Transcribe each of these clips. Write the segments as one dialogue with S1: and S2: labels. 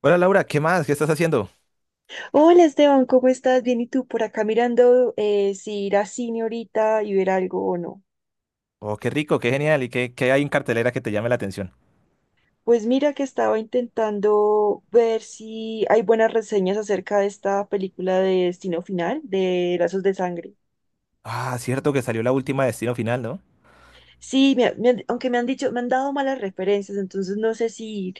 S1: Hola Laura, ¿qué más? ¿Qué estás haciendo?
S2: Hola Esteban, ¿cómo estás? Bien, ¿y tú por acá mirando si ir a cine ahorita y ver algo o no?
S1: Oh, qué rico, qué genial. ¿Y qué hay en cartelera que te llame la atención?
S2: Pues mira que estaba intentando ver si hay buenas reseñas acerca de esta película de Destino Final, de Lazos de Sangre.
S1: Ah, cierto que salió la última Destino Final, ¿no?
S2: Sí, aunque me han dicho, me han dado malas referencias, entonces no sé si ir.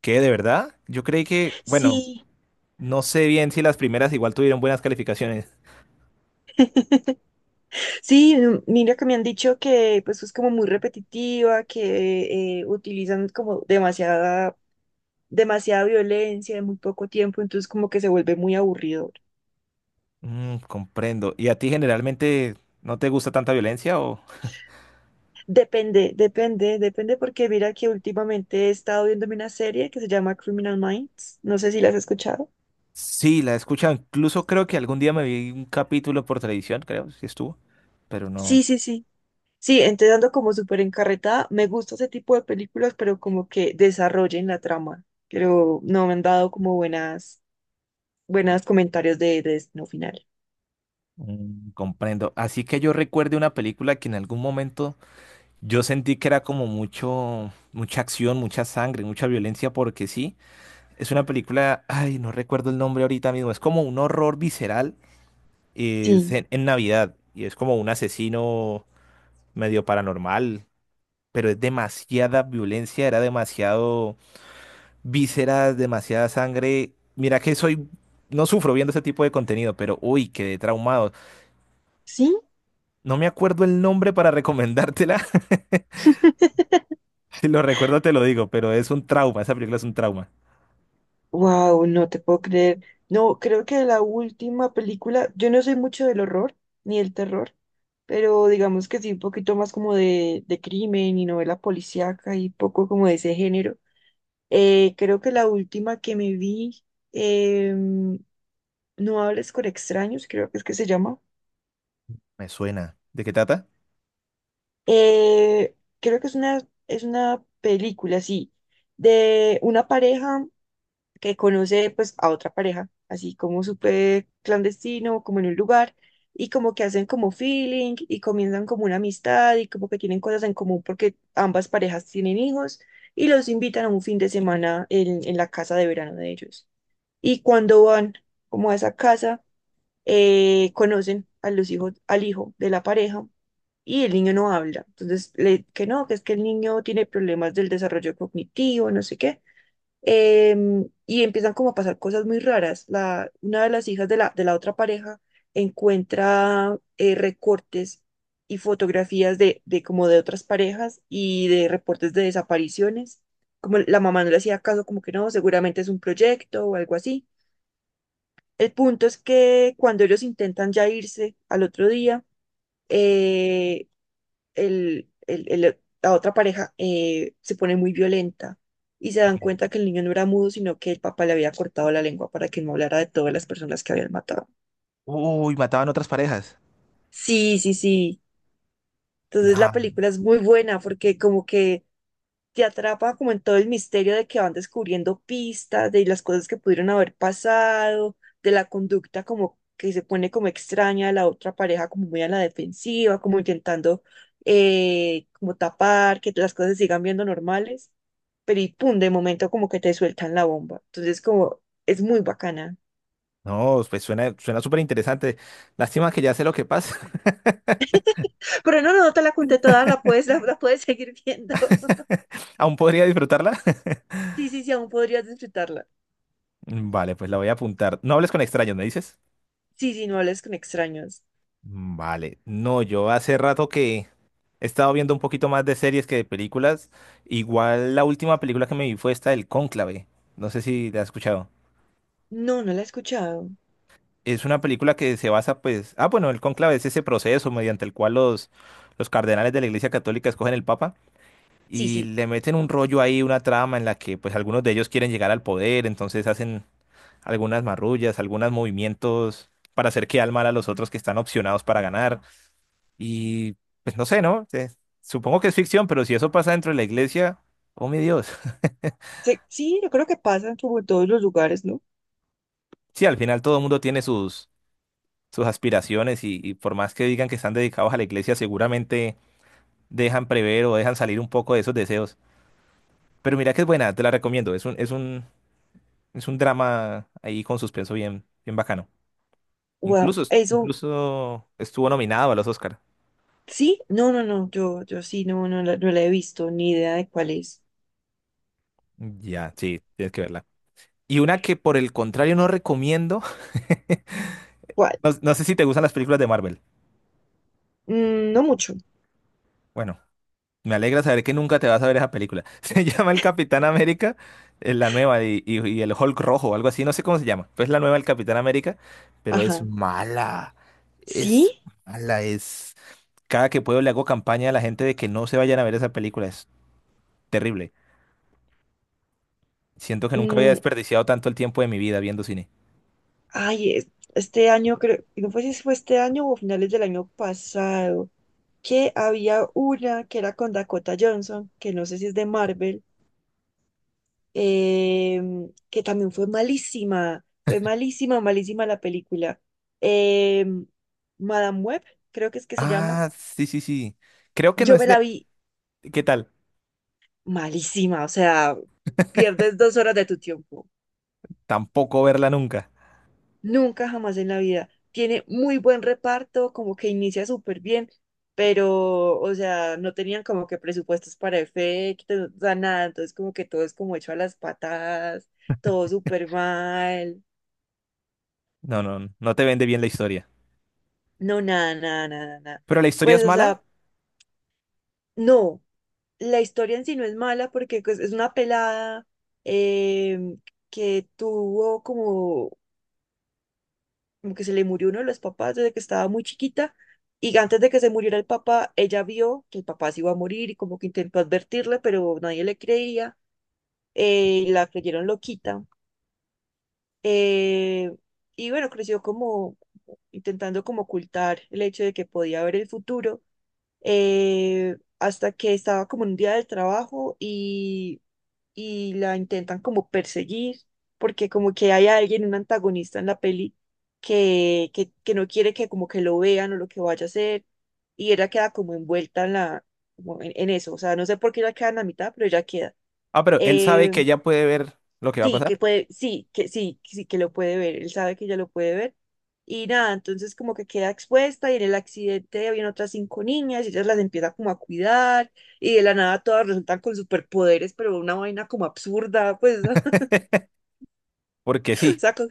S1: ¿Qué, de verdad? Yo creí que, bueno,
S2: Sí,
S1: no sé bien si las primeras igual tuvieron buenas calificaciones.
S2: sí, mira que me han dicho que pues es como muy repetitiva, que utilizan como demasiada violencia en muy poco tiempo, entonces como que se vuelve muy aburrido.
S1: Mm, comprendo. ¿Y a ti generalmente no te gusta tanta violencia o...?
S2: Depende, depende, depende porque mira que últimamente he estado viendo una serie que se llama Criminal Minds, no sé si la has escuchado.
S1: Sí, la he escuchado. Incluso creo que algún día me vi un capítulo por televisión, creo, si estuvo. Pero no...
S2: Sí, sí, sí. Sí, entonces ando como súper encarretada, me gusta ese tipo de películas, pero como que desarrollen la trama, pero no me han dado como buenas comentarios de Destino Final.
S1: Mm, comprendo. Así que yo recuerde una película que en algún momento... Yo sentí que era como mucho, mucha acción, mucha sangre, mucha violencia, porque sí, es una película, ay, no recuerdo el nombre ahorita mismo, es como un horror visceral, es
S2: Sí,
S1: en Navidad, y es como un asesino medio paranormal, pero es demasiada violencia, era demasiado vísceras, demasiada sangre. Mira que soy, no sufro viendo ese tipo de contenido, pero uy, quedé traumado.
S2: sí.
S1: No me acuerdo el nombre para recomendártela, si lo recuerdo te lo digo, pero es un trauma, esa película es un trauma.
S2: Wow, no te puedo creer. No, creo que la última película, yo no soy mucho del horror ni del terror, pero digamos que sí, un poquito más como de crimen y novela policíaca y poco como de ese género. Creo que la última que me vi, em, No hables con extraños, creo que es que se llama.
S1: Me suena. ¿De qué trata?
S2: Creo que es una película, sí, de una pareja que conoce pues a otra pareja, así como súper clandestino, como en un lugar, y como que hacen como feeling y comienzan como una amistad y como que tienen cosas en común porque ambas parejas tienen hijos y los invitan a un fin de semana en la casa de verano de ellos. Y cuando van como a esa casa, conocen a los hijos, al hijo de la pareja. Y el niño no habla. Entonces, que no, que es que el niño tiene problemas del desarrollo cognitivo, no sé qué, y empiezan como a pasar cosas muy raras. Una de las hijas de la otra pareja encuentra recortes y fotografías de como de otras parejas y de reportes de desapariciones. Como la mamá no le hacía caso, como que no, seguramente es un proyecto o algo así. El punto es que cuando ellos intentan ya irse al otro día, eh, la otra pareja se pone muy violenta y se dan
S1: Sí.
S2: cuenta que el niño no era mudo, sino que el papá le había cortado la lengua para que no hablara de todas las personas que habían matado.
S1: Uy, mataban otras parejas.
S2: Sí, sí, sí. Entonces la
S1: Nah,
S2: película es muy buena porque como que te atrapa como en todo el misterio de que van descubriendo pistas, de las cosas que pudieron haber pasado, de la conducta como que se pone como extraña de la otra pareja, como muy a la defensiva, como intentando como tapar, que las cosas se sigan viendo normales, pero y pum, de momento como que te sueltan la bomba. Entonces como es muy bacana.
S1: no, pues suena, suena súper interesante. Lástima que ya sé lo que pasa.
S2: Pero no, no, no te la conté toda, la puedes seguir viendo.
S1: ¿Aún podría disfrutarla?
S2: Sí, sí, sí, aún podrías disfrutarla.
S1: Vale, pues la voy a apuntar. No hables con extraños, ¿me dices?
S2: Sí, sí, no hables con extraños.
S1: Mm, vale. No, yo hace rato que he estado viendo un poquito más de series que de películas. Igual la última película que me vi fue esta del Cónclave. No sé si la has escuchado.
S2: No, no la he escuchado.
S1: Es una película que se basa, pues. Ah, bueno, el Cónclave es ese proceso mediante el cual los cardenales de la Iglesia Católica escogen el Papa.
S2: Sí,
S1: Y
S2: sí.
S1: le meten un rollo ahí, una trama en la que pues algunos de ellos quieren llegar al poder, entonces hacen algunas marrullas, algunos movimientos para hacer quedar mal a los otros que están opcionados para ganar. Y pues no sé, ¿no? Supongo que es ficción, pero si eso pasa dentro de la iglesia, oh mi Dios.
S2: Sí, yo creo que pasan como en todos los lugares, ¿no?
S1: Sí, al final todo el mundo tiene sus, sus aspiraciones y por más que digan que están dedicados a la iglesia, seguramente dejan prever o dejan salir un poco de esos deseos. Pero mira que es buena, te la recomiendo. Es es un drama ahí con suspenso bien, bien bacano.
S2: Wow,
S1: Incluso,
S2: eso,
S1: incluso estuvo nominado a los Oscar.
S2: sí, no, no, no, yo sí, no, no, no la he visto, ni idea de cuál es.
S1: Ya, sí, tienes que verla. Y una que por el contrario no recomiendo.
S2: ¿Cuál?
S1: No, no sé si te gustan las películas de Marvel.
S2: No mucho,
S1: Bueno, me alegra saber que nunca te vas a ver esa película. Se llama El Capitán América, la nueva, y el Hulk rojo, o algo así, no sé cómo se llama. Pues la nueva del Capitán América, pero es
S2: ajá.
S1: mala. Es
S2: ¿Sí?
S1: mala, es... Cada que puedo le hago campaña a la gente de que no se vayan a ver esa película. Es terrible. Siento que nunca había
S2: Mm,
S1: desperdiciado tanto el tiempo de mi vida viendo cine.
S2: ay, este año creo, no fue si fue este año o finales del año pasado, que había una que era con Dakota Johnson, que no sé si es de Marvel, eh, que también fue malísima, malísima la película. Eh, Madame Web, creo que es que se llama.
S1: Ah, sí, sí, sí. Creo que no
S2: Yo
S1: es
S2: me la
S1: de...
S2: vi
S1: ¿Qué tal?
S2: malísima, o sea, pierdes dos horas de tu tiempo.
S1: Tampoco verla nunca.
S2: Nunca jamás en la vida. Tiene muy buen reparto, como que inicia súper bien, pero, o sea, no tenían como que presupuestos para efectos, o sea, nada, entonces como que todo es como hecho a las patadas, todo súper mal.
S1: No, no no te vende bien la historia.
S2: No, nada, nada, nada, nada.
S1: Pero la historia es
S2: Pues, o
S1: mala.
S2: sea, no, la historia en sí no es mala porque pues, es una pelada, eh, que tuvo como que se le murió uno de los papás desde que estaba muy chiquita y antes de que se muriera el papá, ella vio que el papá se iba a morir y como que intentó advertirle, pero nadie le creía, y la creyeron loquita. eh, y bueno, creció como intentando como ocultar el hecho de que podía ver el futuro, hasta que estaba como en un día del trabajo y la intentan como perseguir, porque como que hay alguien, un antagonista en la peli, que no quiere que como que lo vean o lo que vaya a hacer, y ella queda como envuelta como en eso, o sea, no sé por qué ella queda en la mitad, pero ella queda.
S1: Ah, pero él sabe
S2: Eh,
S1: que ella puede ver lo que va a
S2: Sí,
S1: pasar.
S2: que puede, sí, que sí, sí, que lo puede ver, él sabe que ella lo puede ver. Y nada, entonces como que queda expuesta y en el accidente habían otras cinco niñas y ellas las empieza como a cuidar y de la nada todas resultan con superpoderes, pero una vaina como absurda, pues, o
S1: Porque sí.
S2: sea,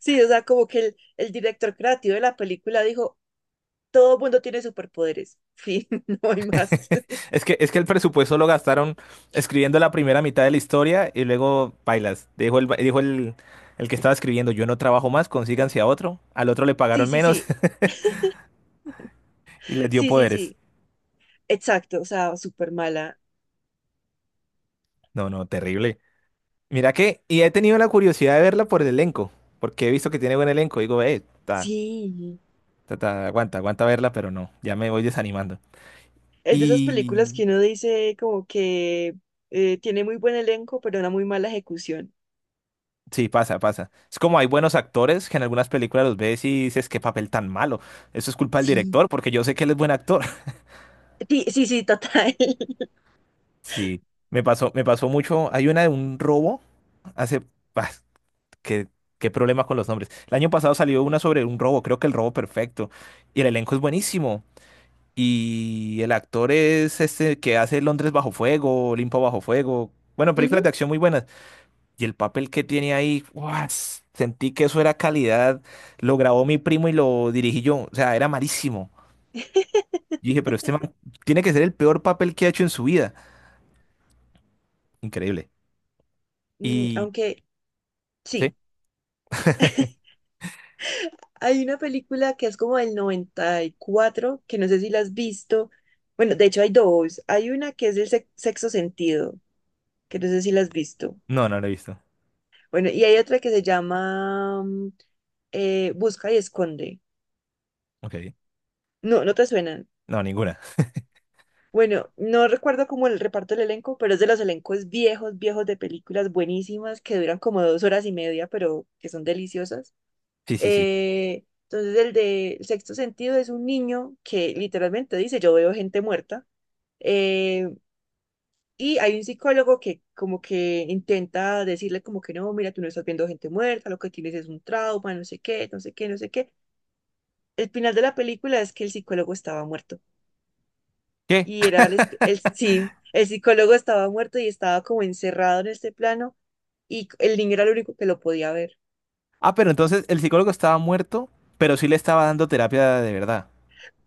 S2: sí, o sea, como que el director creativo de la película dijo, todo mundo tiene superpoderes, fin, no hay más.
S1: Es que el presupuesto lo gastaron escribiendo la primera mitad de la historia y luego bailas. Dijo el, ba- dijo El que estaba escribiendo, yo no trabajo más, consíganse a otro. Al otro le
S2: Sí,
S1: pagaron
S2: sí,
S1: menos
S2: sí,
S1: y les dio
S2: sí, sí,
S1: poderes.
S2: sí, exacto, o sea, súper mala.
S1: No, no, terrible. Mira que, y he tenido la curiosidad de verla por el elenco, porque he visto que tiene buen elenco. Digo, está.
S2: Sí.
S1: Ta, aguanta, aguanta verla, pero no, ya me voy desanimando.
S2: Es de esas
S1: Y
S2: películas que uno dice como que tiene muy buen elenco, pero una muy mala ejecución.
S1: sí, pasa, pasa. Es como hay buenos actores que en algunas películas los ves y dices, qué papel tan malo. Eso es culpa del
S2: Sí.
S1: director, porque yo sé que él es buen actor.
S2: Sí, sí, sí, total.
S1: Sí, me pasó mucho. Hay una de un robo hace... ah, qué, qué problema con los nombres. El año pasado salió una sobre un robo, creo que el robo perfecto. Y el elenco es buenísimo. Y el actor es este que hace Londres bajo fuego, Olimpo bajo fuego. Bueno, películas
S2: Ujú.
S1: de acción muy buenas. Y el papel que tiene ahí, ¡guau! Sentí que eso era calidad. Lo grabó mi primo y lo dirigí yo. O sea, era malísimo. Yo dije, pero este man tiene que ser el peor papel que ha hecho en su vida. Increíble. Y...
S2: Aunque sí,
S1: ¿Sí?
S2: hay una película que es como del 94 que no sé si la has visto. Bueno, de hecho hay dos. Hay una que es del sexto sentido, que no sé si la has visto.
S1: No, no lo he visto.
S2: Bueno, y hay otra que se llama Busca y Esconde.
S1: Ok.
S2: No, no te suena.
S1: No, ninguna.
S2: Bueno, no recuerdo como el reparto del elenco, pero es de los elencos viejos, viejos de películas buenísimas que duran como 2 horas y media, pero que son deliciosas.
S1: Sí, sí, sí.
S2: Entonces, el de Sexto Sentido es un niño que literalmente dice, yo veo gente muerta. Eh, y hay un psicólogo que como que intenta decirle como que no, mira, tú no estás viendo gente muerta, lo que tienes es un trauma, no sé qué, no sé qué, no sé qué. El final de la película es que el psicólogo estaba muerto.
S1: ¿Qué?
S2: Y era sí, el psicólogo estaba muerto y estaba como encerrado en este plano y el niño era el único que lo podía ver.
S1: Ah, pero entonces el psicólogo estaba muerto, pero sí le estaba dando terapia de verdad.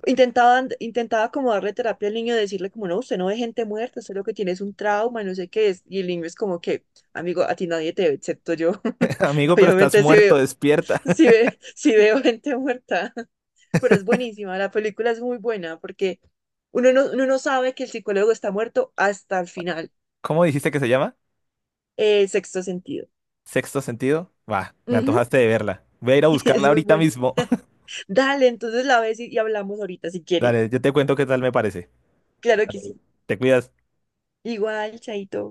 S2: Intentaba como darle terapia al niño, decirle como, no, usted no ve gente muerta, usted lo que tiene es un trauma, no sé qué es. Y el niño es como que, amigo, a ti nadie te ve, excepto yo.
S1: Amigo, pero estás
S2: Obviamente sí
S1: muerto,
S2: veo,
S1: despierta.
S2: sí ve, sí veo gente muerta, pero es buenísima, la película es muy buena porque uno no sabe que el psicólogo está muerto hasta el final,
S1: ¿Cómo dijiste que se llama?
S2: el sexto sentido.
S1: ¿Sexto sentido? Va, me
S2: Ujú.
S1: antojaste de verla. Voy a ir a buscarla
S2: Es muy
S1: ahorita
S2: bueno.
S1: mismo.
S2: Dale, entonces la ves y hablamos ahorita si quieres.
S1: Dale, yo te cuento qué tal me parece.
S2: Claro que
S1: Dale,
S2: sí.
S1: te cuidas.
S2: Igual, chaito.